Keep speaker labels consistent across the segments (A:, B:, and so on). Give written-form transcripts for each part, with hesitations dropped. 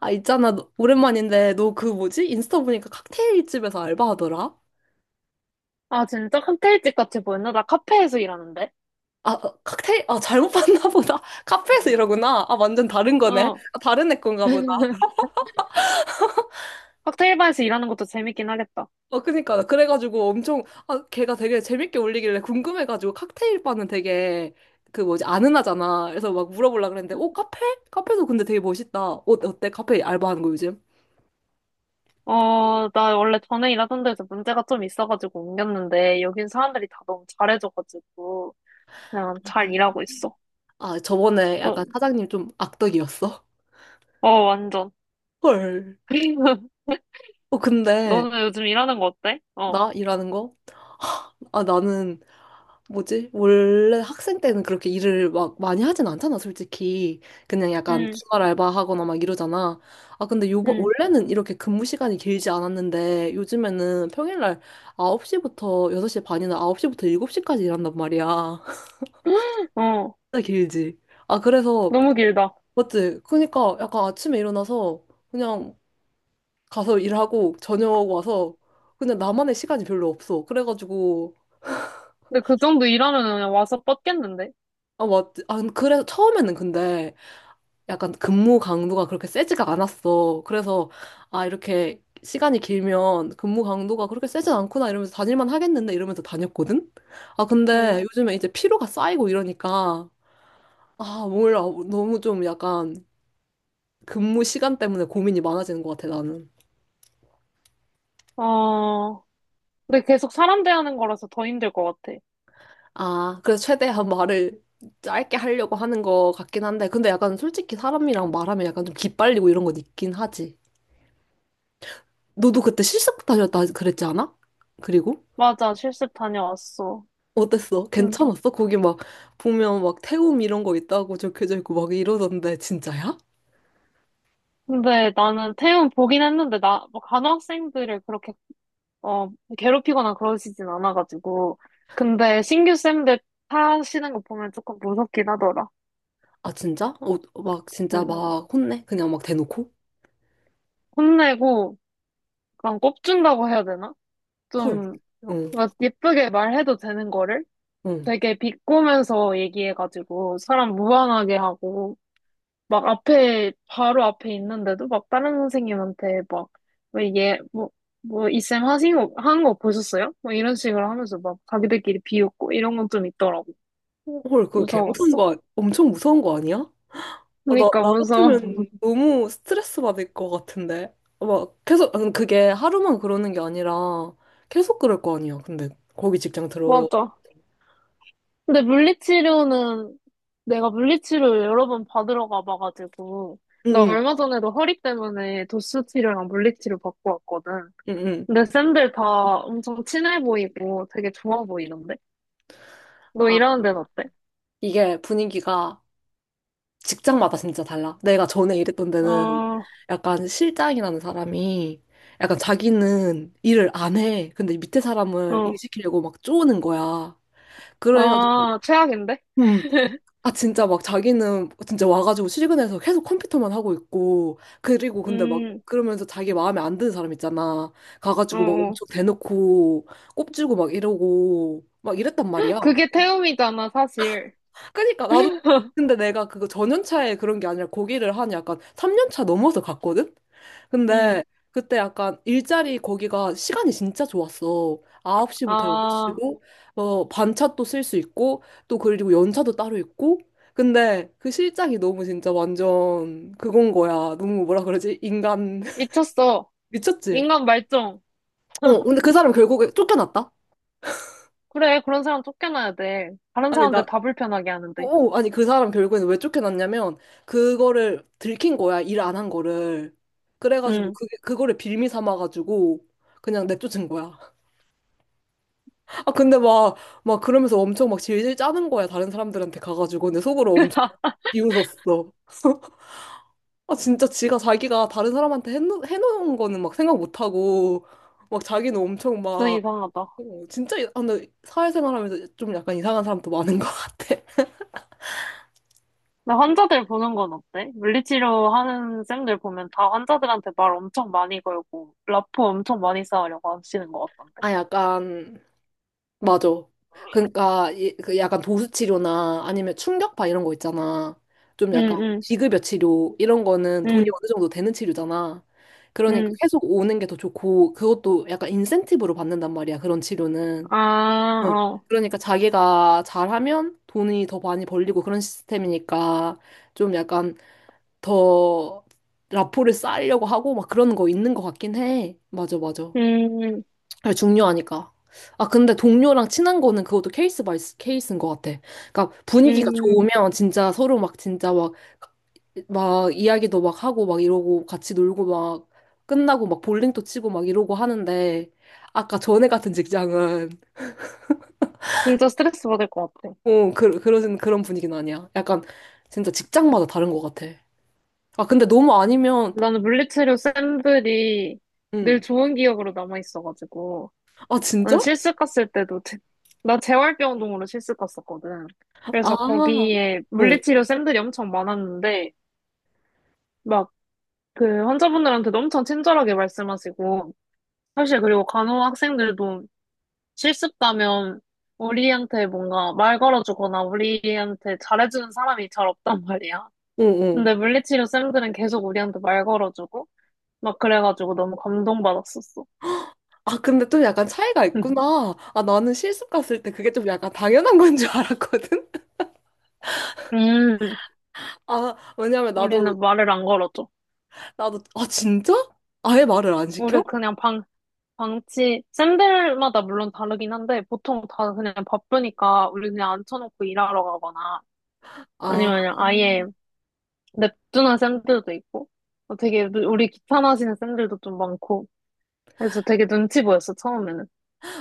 A: 아, 있잖아. 오랜만인데, 너 그 뭐지? 인스타 보니까 칵테일 집에서 알바하더라?
B: 아, 진짜? 칵테일집 같이 보였나? 나 카페에서 일하는데?
A: 잘못 봤나 보다. 카페에서 이러구나. 아, 완전 다른 거네.
B: 어.
A: 아, 다른 애 건가 보다.
B: 칵테일 바에서 일하는 것도 재밌긴 하겠다.
A: 어, 그니까. 그래가지고 걔가 되게 재밌게 올리길래 궁금해가지고 칵테일 바는 되게 그 뭐지? 아는 하잖아. 그래서 막 물어보려고 그랬는데, 카페? 카페도 근데 되게 멋있다. 어, 어때? 카페 알바하는 거 요즘?
B: 어, 나 원래 전에 일하던 데서 문제가 좀 있어가지고 옮겼는데, 여긴 사람들이 다 너무 잘해줘가지고, 그냥 잘 일하고 있어.
A: 아, 저번에
B: 어,
A: 약간 사장님 좀 악덕이었어.
B: 어, 완전.
A: 헐. 어, 근데
B: 너는 요즘 일하는 거 어때? 어.
A: 나 일하는 거? 아, 나는 뭐지? 원래 학생 때는 그렇게 일을 막 많이 하진 않잖아, 솔직히. 그냥 약간
B: 응,
A: 주말 알바하거나 막 이러잖아.
B: 응.
A: 원래는 이렇게 근무 시간이 길지 않았는데, 요즘에는 평일날 9시부터 6시 반이나 9시부터 7시까지 일한단 말이야.
B: 어.
A: 진짜 길지. 아, 그래서,
B: 너무 길다.
A: 맞지? 그러니까 약간 아침에 일어나서 그냥 가서 일하고, 저녁 와서, 그냥 나만의 시간이 별로 없어. 그래가지고,
B: 근데 그 정도 일하면 그냥 와서 뻗겠는데?
A: 아, 맞지? 아, 그래서 처음에는 근데, 약간 근무 강도가 그렇게 세지가 않았어. 그래서, 아, 이렇게 시간이 길면 근무 강도가 그렇게 세진 않구나 이러면서 다닐만 하겠는데 이러면서 다녔거든? 아,
B: 응.
A: 근데 요즘에 이제 피로가 쌓이고 이러니까, 아, 몰라. 너무 좀 약간 근무 시간 때문에 고민이 많아지는 것 같아, 나는.
B: 어. 근데 계속 사람 대하는 거라서 더 힘들 것 같아.
A: 아, 그래서 최대한 말을 짧게 하려고 하는 것 같긴 한데, 근데 약간 솔직히 사람이랑 말하면 약간 좀 기빨리고 이런 건 있긴 하지. 너도 그때 실습 다녔다 그랬지 않아? 그리고?
B: 맞아, 실습 다녀왔어.
A: 어땠어?
B: 응.
A: 괜찮았어? 거기 막 보면 막 태움 이런 거 있다고 적혀져 있고 막 이러던데 진짜야?
B: 근데 나는 태움 보긴 했는데, 나, 뭐 간호학생들을 그렇게, 어, 괴롭히거나 그러시진 않아가지고. 근데 신규 쌤들 타시는 거 보면 조금 무섭긴 하더라.
A: 아 진짜? 어, 막 진짜
B: 응.
A: 막 혼내? 그냥 막 대놓고?
B: 혼내고, 약간 꼽준다고 해야 되나?
A: 헐.
B: 좀,
A: 응.
B: 막 예쁘게 말해도 되는 거를
A: 응.
B: 되게 비꼬면서 얘기해가지고, 사람 무안하게 하고. 막 앞에, 바로 앞에 있는데도 막 다른 선생님한테 막, 왜 얘, 뭐, 뭐, 이쌤 하신 거, 한 거 보셨어요? 뭐 이런 식으로 하면서 막 자기들끼리 비웃고 이런 건 좀 있더라고.
A: 헐, 그거 개 무서운
B: 무서웠어.
A: 거 아니- 엄청 무서운 거 아니야? 아,
B: 그러니까
A: 나
B: 무서워.
A: 같으면 너무 스트레스 받을 것 같은데. 막 계속 응, 그게 하루만 그러는 게 아니라 계속 그럴 거 아니야. 근데 거기 직장 들어.
B: 맞아. 근데 물리치료는 내가 물리치료 여러 번 받으러 가봐가지고,
A: 응.
B: 나
A: 응.
B: 얼마 전에도 허리 때문에 도수치료랑 물리치료 받고 왔거든.
A: 응. 응.
B: 근데 쌤들 다 엄청 친해 보이고 되게 좋아 보이던데? 너
A: 아,
B: 일하는 데는 어때?
A: 이게 분위기가 직장마다 진짜 달라. 내가 전에 일했던 데는
B: 어,
A: 약간 실장이라는 사람이 약간 자기는 일을 안 해. 근데 밑에 사람을 일
B: 어.
A: 시키려고 막 쪼는 거야. 그래가지고,
B: 아, 최악인데?
A: 음, 아, 진짜 막 자기는 진짜 와가지고 출근해서 계속 컴퓨터만 하고 있고, 그리고 근데 막
B: 음,
A: 그러면서 자기 마음에 안 드는 사람 있잖아.
B: 어,
A: 가가지고 막
B: 어.
A: 엄청 대놓고 꼽지고 막 이러고 막 이랬단 말이야.
B: 그게 태움이잖아, 사실.
A: 그니까 나도 근데 내가 그거 전연차에 그런 게 아니라 고기를 한 약간 3년차 넘어서 갔거든?
B: 음,
A: 근데 그때 약간 일자리 거기가 시간이 진짜 좋았어. 9시부터
B: 아,
A: 6시고, 어, 반차도 쓸 수 있고, 또 그리고 연차도 따로 있고. 근데 그 실장이 너무 진짜 완전 그건 거야. 너무 뭐라 그러지? 인간
B: 미쳤어.
A: 미쳤지?
B: 인간 말종.
A: 어, 근데 그 사람 결국에 쫓겨났다?
B: 그래, 그런 사람 쫓겨나야 돼. 다른
A: 아니,
B: 사람들
A: 나
B: 다 불편하게 하는데.
A: 아니 그 사람 결국에는 왜 쫓겨났냐면 그거를 들킨 거야 일 안 한 거를 그래가지고
B: 음,
A: 그게 그거를 빌미 삼아가지고 그냥 내쫓은 거야. 아 근데 막 그러면서 엄청 막 질질 짜는 거야 다른 사람들한테 가가지고 근데 속으로 엄청 비웃었어. 아 진짜 지가 자기가 다른 사람한테 해놓은 거는 막 생각 못하고 막 자기는 엄청 막
B: 좀 이상하다.
A: 어, 진짜 아, 근데 사회생활하면서 좀 약간 이상한 사람도 많은 것 같아.
B: 나 환자들 보는 건 어때? 물리치료 하는 쌤들 보면 다 환자들한테 말 엄청 많이 걸고, 라포 엄청 많이 쌓으려고 하시는 것 같던데.
A: 아 약간 맞아. 그러니까 그 약간 도수 치료나 아니면 충격파 이런 거 있잖아. 좀 약간
B: 응,
A: 비급여 치료 이런 거는 돈이 어느 정도 되는 치료잖아. 그러니까 계속 오는 게 더 좋고 그것도 약간 인센티브로 받는단 말이야. 그런 치료는.
B: 아,
A: 응.
B: 어.
A: 그러니까 자기가 잘하면 돈이 더 많이 벌리고 그런 시스템이니까 좀 약간 더 라포를 쌓으려고 하고 막 그런 거 있는 것 같긴 해. 맞아, 맞아.
B: 응, 응,
A: 아, 중요하니까. 아, 근데 동료랑 친한 거는 그것도 케이스인 것 같아. 그러니까
B: 응. 아, 어.
A: 분위기가 좋으면 진짜 서로 막 진짜 막, 막 이야기도 막 하고 막 이러고 같이 놀고 막 끝나고 막 볼링도 치고 막 이러고 하는데 아까 전에 같은 직장은
B: 진짜 스트레스 받을 것 같아.
A: 어, 그런 분위기는 아니야. 약간 진짜 직장마다 다른 것 같아. 아, 근데 너무 아니면 또,
B: 나는 물리치료 쌤들이 늘
A: 응.
B: 좋은 기억으로 남아있어가지고.
A: 아,
B: 나는
A: 진짜?
B: 실습 갔을 때도, 나 재활병동으로 실습 갔었거든. 그래서
A: 아,
B: 거기에
A: 응,
B: 물리치료 쌤들이 엄청 많았는데, 막 그 환자분들한테도 엄청 친절하게 말씀하시고, 사실 그리고 간호 학생들도 실습 가면 우리한테 뭔가 말 걸어주거나 우리한테 잘해주는 사람이 잘 없단 말이야.
A: 응, 응.
B: 근데 물리치료 쌤들은 계속 우리한테 말 걸어주고, 막 그래가지고 너무 감동받았었어.
A: 아, 근데 좀 약간 차이가 있구나. 아, 나는 실습 갔을 때 그게 좀 약간 당연한 건 줄 알았거든?
B: 음,
A: 아, 왜냐면
B: 우리는 말을 안 걸어줘.
A: 나도, 아, 진짜? 아예 말을 안
B: 우리
A: 시켜?
B: 그냥 방, 방치, 쌤들마다 물론 다르긴 한데, 보통 다 그냥 바쁘니까 우리 그냥 앉혀놓고 일하러 가거나,
A: 아,
B: 아니면 그냥 아예 냅두는 쌤들도 있고, 어, 되게 우리 귀찮아하시는 쌤들도 좀 많고, 그래서 되게 눈치 보였어, 처음에는.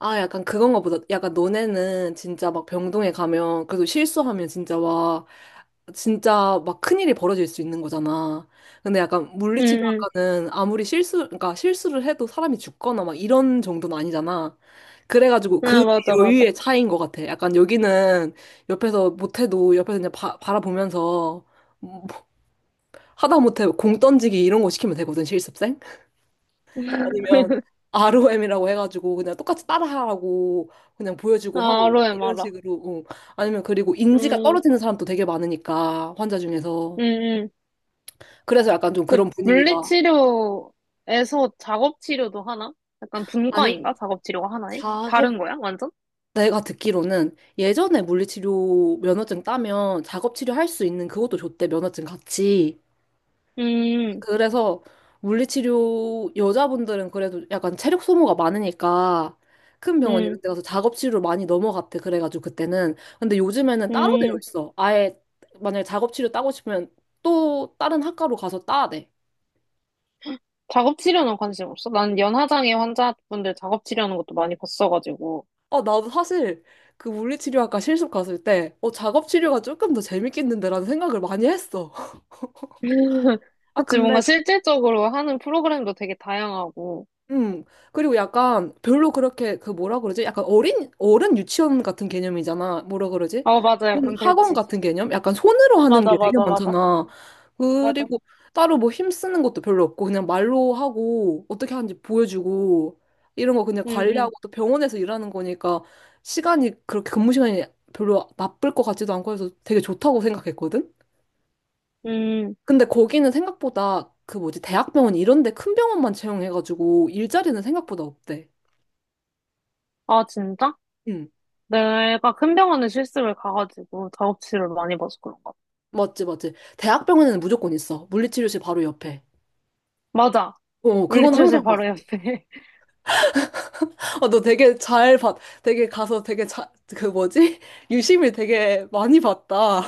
A: 약간 그건가 보다. 약간 너네는 진짜 막 병동에 가면, 그래도 실수하면 진짜 와 진짜 막 큰일이 벌어질 수 있는 거잖아. 근데 약간
B: 응 응.
A: 물리치료학과는 그러니까 실수를 해도 사람이 죽거나 막 이런 정도는 아니잖아. 그래가지고
B: 응,
A: 그
B: 응, 맞아, 맞아.
A: 여유의 차이인 것 같아. 약간 여기는 옆에서 못해도 옆에서 그냥 바라보면서 하다못해 공 던지기 이런 거 시키면 되거든, 실습생? 아니면 ROM이라고 해가지고 그냥 똑같이 따라하라고 그냥 보여주고
B: 아,
A: 하고
B: 아로에
A: 이런
B: 마라.
A: 식으로. 어. 아니면 그리고 인지가
B: 음,
A: 떨어지는 사람도 되게 많으니까 환자 중에서.
B: 응응
A: 그래서 약간 좀
B: 근데
A: 그런 분위기가
B: 물리치료에서 작업치료도 하나? 약간
A: 아니
B: 분과인가? 작업치료가 하나에? 다른
A: 작업
B: 거야? 완전?
A: 내가 듣기로는 예전에 물리치료 면허증 따면 작업치료 할 수 있는 그것도 줬대 면허증 같이.
B: 음,
A: 그래서 물리치료 여자분들은 그래도 약간 체력 소모가 많으니까 큰 병원
B: 음,
A: 이런 데 가서 작업치료 많이 넘어갔대 그래가지고 그때는 근데 요즘에는 따로 되어
B: 음.
A: 있어 아예. 만약에 작업치료 따고 싶으면 또 다른 학과로 가서 따야 돼.
B: 작업치료는 관심 없어? 난 연하장애 환자분들 작업치료하는 것도 많이 봤어가지고.
A: 아, 나도 사실 그 물리치료학과 실습 갔을 때, 어, 작업치료가 조금 더 재밌겠는데라는 생각을 많이 했어. 아,
B: 그치,
A: 근데
B: 뭔가 실질적으로 하는 프로그램도 되게 다양하고.
A: 음, 그리고 약간 별로 그렇게 그 뭐라 그러지? 약간 어른 유치원 같은 개념이잖아. 뭐라 그러지?
B: 아, 맞아.
A: 어른
B: 약간
A: 학원
B: 그렇지.
A: 같은 개념? 약간 손으로 하는
B: 맞아,
A: 게 되게
B: 맞아, 맞아.
A: 많잖아.
B: 맞아.
A: 그리고 따로 뭐 힘쓰는 것도 별로 없고 그냥 말로 하고 어떻게 하는지 보여주고 이런 거 그냥
B: 음,
A: 관리하고 또 병원에서 일하는 거니까 시간이 그렇게 근무 시간이 별로 나쁠 것 같지도 않고 해서 되게 좋다고 생각했거든?
B: 음, 음.
A: 근데 거기는 생각보다 그 뭐지 대학병원 이런 데 큰 병원만 채용해가지고 일자리는 생각보다 없대.
B: 아, 진짜?
A: 응,
B: 내가 큰 병원에 실습을 가가지고 작업치료를 많이 봐서 그런가? 봐.
A: 맞지, 맞지. 대학병원에는 무조건 있어. 물리치료실 바로 옆에.
B: 맞아.
A: 어, 그건
B: 물리치료실
A: 항상 봤어.
B: 바로 옆에.
A: 아, 너 되게 잘 봤, 되게 가서 되게 그 뭐지? 유심히 되게 많이 봤다.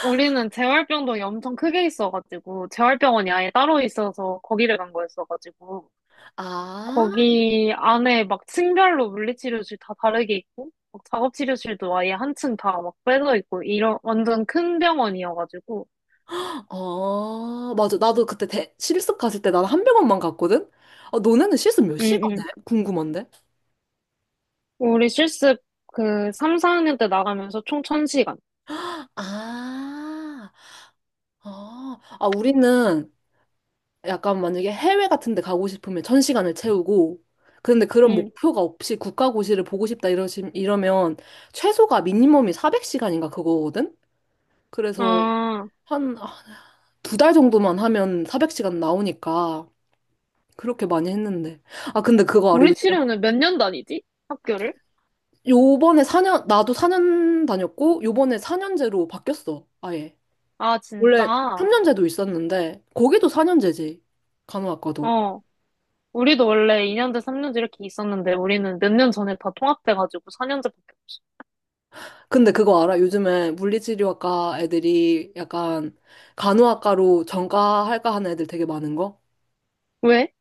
B: 우리는 재활병동이 엄청 크게 있어가지고, 재활병원이 아예 따로 있어서 거기를 간 거였어가지고,
A: 아,
B: 거기 안에 막 층별로 물리치료실 다 다르게 있고, 막 작업치료실도 아예 한 층 다 막 빼져 있고, 이런 완전 큰 병원이어가지고,
A: 어, 맞아. 나도 그때 실습 갔을 때 나는 한 병원만 갔거든? 아, 너네는 실습 몇
B: 응,
A: 시간 해?
B: 응.
A: 궁금한데?
B: 우리 실습 그 3, 4학년 때 나가면서 총 1000시간
A: 아, 어. 아, 우리는 약간 만약에 해외 같은 데 가고 싶으면 천 시간을 채우고 그런데 그런
B: 응.
A: 목표가 없이 국가고시를 보고 싶다 이러면 최소가 미니멈이 400시간인가 그거거든? 그래서
B: 아,
A: 한 아, 두달 정도만 하면 400시간 나오니까 그렇게 많이 했는데 아 근데 그거 알아 요즘에
B: 물리치료는 몇 년 다니지? 학교를?
A: 요번에 사년 나도 4년 다녔고 요번에 4년제로 바뀌었어 아예.
B: 아,
A: 원래
B: 진짜?
A: 3년제도 있었는데 거기도 4년제지 간호학과도.
B: 어. 우리도 원래 2년제, 3년제 이렇게 있었는데 우리는 몇 년 전에 다 통합돼가지고 4년제밖에 없어.
A: 근데 그거 알아? 요즘에 물리치료학과 애들이 약간 간호학과로 전과할까 하는 애들 되게 많은 거?
B: 왜?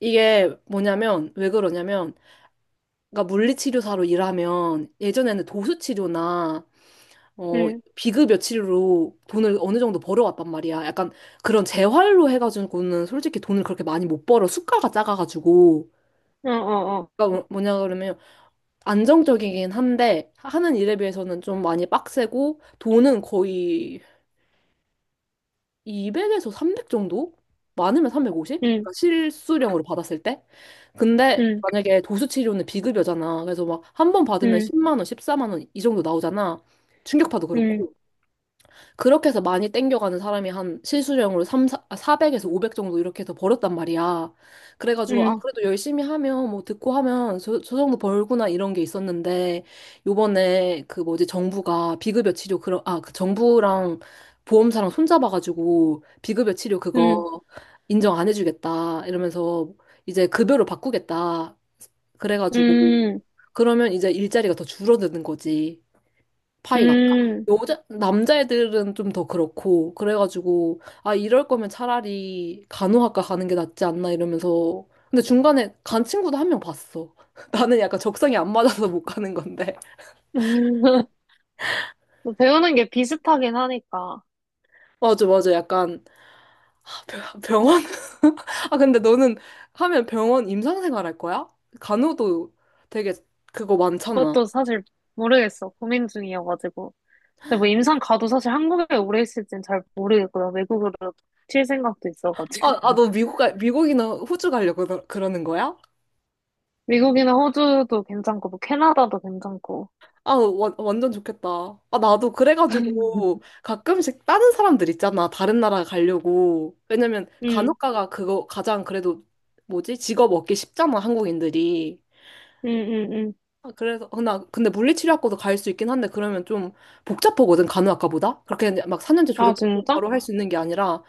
A: 이게 뭐냐면, 왜 그러냐면, 그러니까 물리치료사로 일하면 예전에는 도수치료나, 어,
B: 응,
A: 비급 여치료로 돈을 어느 정도 벌어왔단 말이야. 약간 그런 재활로 해가지고는 솔직히 돈을 그렇게 많이 못 벌어. 수가가 작아가지고.
B: 어, 어, 어.
A: 그러니까 뭐냐 그러면 안정적이긴 한데 하는 일에 비해서는 좀 많이 빡세고 돈은 거의 200에서 300 정도? 많으면 350?
B: 응,
A: 그러니까 실수령으로 받았을 때? 근데
B: 응,
A: 만약에 도수치료는 비급여잖아. 그래서 막 한 번 받으면
B: 응,
A: 10만 원, 14만 원 이 정도 나오잖아. 충격파도
B: 응,
A: 그렇고. 그렇게 해서 많이 땡겨가는 사람이 한 실수령으로 400에서 500 정도 이렇게 해서 벌었단 말이야. 그래가지고, 아,
B: 응,
A: 그래도 열심히 하면, 뭐, 듣고 하면 저 정도 벌구나 이런 게 있었는데, 요번에 그 뭐지, 정부가 비급여 치료, 그런, 아, 그 정부랑 보험사랑 손잡아가지고, 비급여 치료
B: 응,
A: 그거 인정 안 해주겠다. 이러면서 이제 급여로 바꾸겠다. 그래가지고,
B: 응,
A: 그러면 이제 일자리가 더 줄어드는 거지. 파이가.
B: 응.
A: 남자애들은 좀 더 그렇고, 그래가지고, 아, 이럴 거면 차라리 간호학과 가는 게 낫지 않나 이러면서. 근데 중간에 간 친구도 한 명 봤어. 나는 약간 적성이 안 맞아서 못 가는 건데.
B: 뭐 배우는 게 비슷하긴 하니까.
A: 맞아, 맞아. 약간, 아, 병원? 아, 근데 너는 하면 병원 임상생활 할 거야? 간호도 되게 그거 많잖아.
B: 그것도 사실 모르겠어. 고민 중이어가지고. 근데 뭐 임상 가도 사실 한국에 오래 있을진 잘 모르겠고요. 외국으로 칠 생각도 있어가지고.
A: 미국이나 호주 그러는 거야?
B: 미국이나 호주도 괜찮고, 뭐 캐나다도 괜찮고.
A: 완전 좋겠다. 아, 나도 그래가지고 가끔씩 다른 사람들 있잖아. 다른 나라 가려고. 왜냐면
B: 응, 응,
A: 간호사가 그거 가장 그래도 뭐지? 직업 얻기 쉽잖아, 한국인들이.
B: 응, 응.
A: 아, 그래서 어, 나 근데 물리치료학과도 갈 수 있긴 한데 그러면 좀 복잡하거든, 간호학과보다. 그렇게 그냥 막 4년제
B: 아,
A: 졸업해서
B: 진짜?
A: 바로 할 수 있는 게 아니라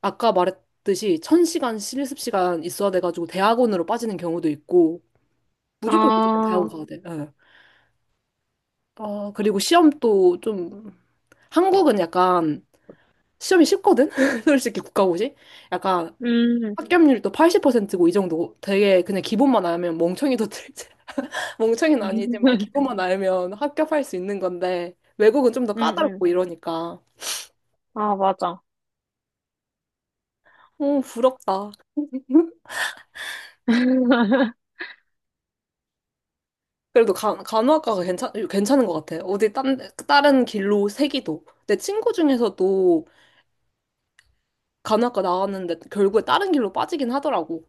A: 아까 말했듯이 1000시간 실습 시간 있어야 돼가지고 대학원으로 빠지는 경우도 있고 무조건 대학원
B: 아,
A: 가야 돼. 예. 아, 그리고 시험도 좀 한국은 약간 시험이 쉽거든? 솔직히 국가고시? 약간
B: 음.
A: 합격률도 80%고 이 정도 되게 그냥 기본만 알면 멍청이도 들지. 멍청이는 아니지만 기본만 알면 합격할 수 있는 건데 외국은 좀 더
B: 음, 음.
A: 까다롭고 이러니까.
B: 아, 맞아.
A: 어, 부럽다. 그래도 간호학과가 괜찮은 것 같아. 다른 길로 새기도. 내 친구 중에서도 간호학과 나왔는데 결국에 다른 길로 빠지긴 하더라고.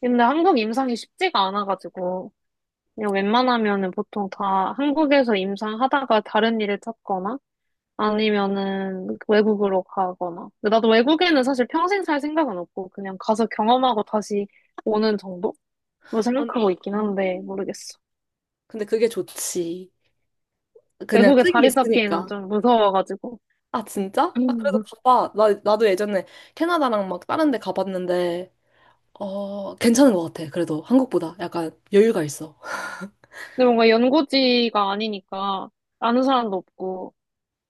B: 근데 한국 임상이 쉽지가 않아가지고, 그냥 웬만하면은 보통 다 한국에서 임상하다가 다른 일을 찾거나, 아니면은 외국으로 가거나. 근데 나도 외국에는 사실 평생 살 생각은 없고, 그냥 가서 경험하고 다시 오는 정도로
A: 안-
B: 생각하고 있긴 한데,
A: 음.
B: 모르겠어.
A: 근데 그게 좋지. 그냥
B: 외국에
A: 쓰기
B: 자리 잡기에는
A: 있으니까.
B: 좀 무서워가지고.
A: 아, 진짜? 아, 그래도
B: 근데
A: 가봐. 나도 예전에 캐나다랑 막 다른 데 가봤는데, 어, 괜찮은 것 같아. 그래도 한국보다 약간 여유가 있어.
B: 뭔가 연고지가 아니니까, 아는 사람도 없고,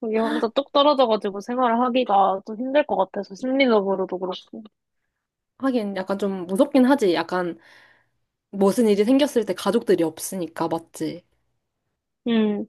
B: 거기 혼자 뚝 떨어져가지고 생활을 하기가 좀 힘들 것 같아서 심리적으로도 그렇고.
A: 하긴 약간 좀 무섭긴 하지. 약간 무슨 일이 생겼을 때 가족들이 없으니까, 맞지?
B: 음.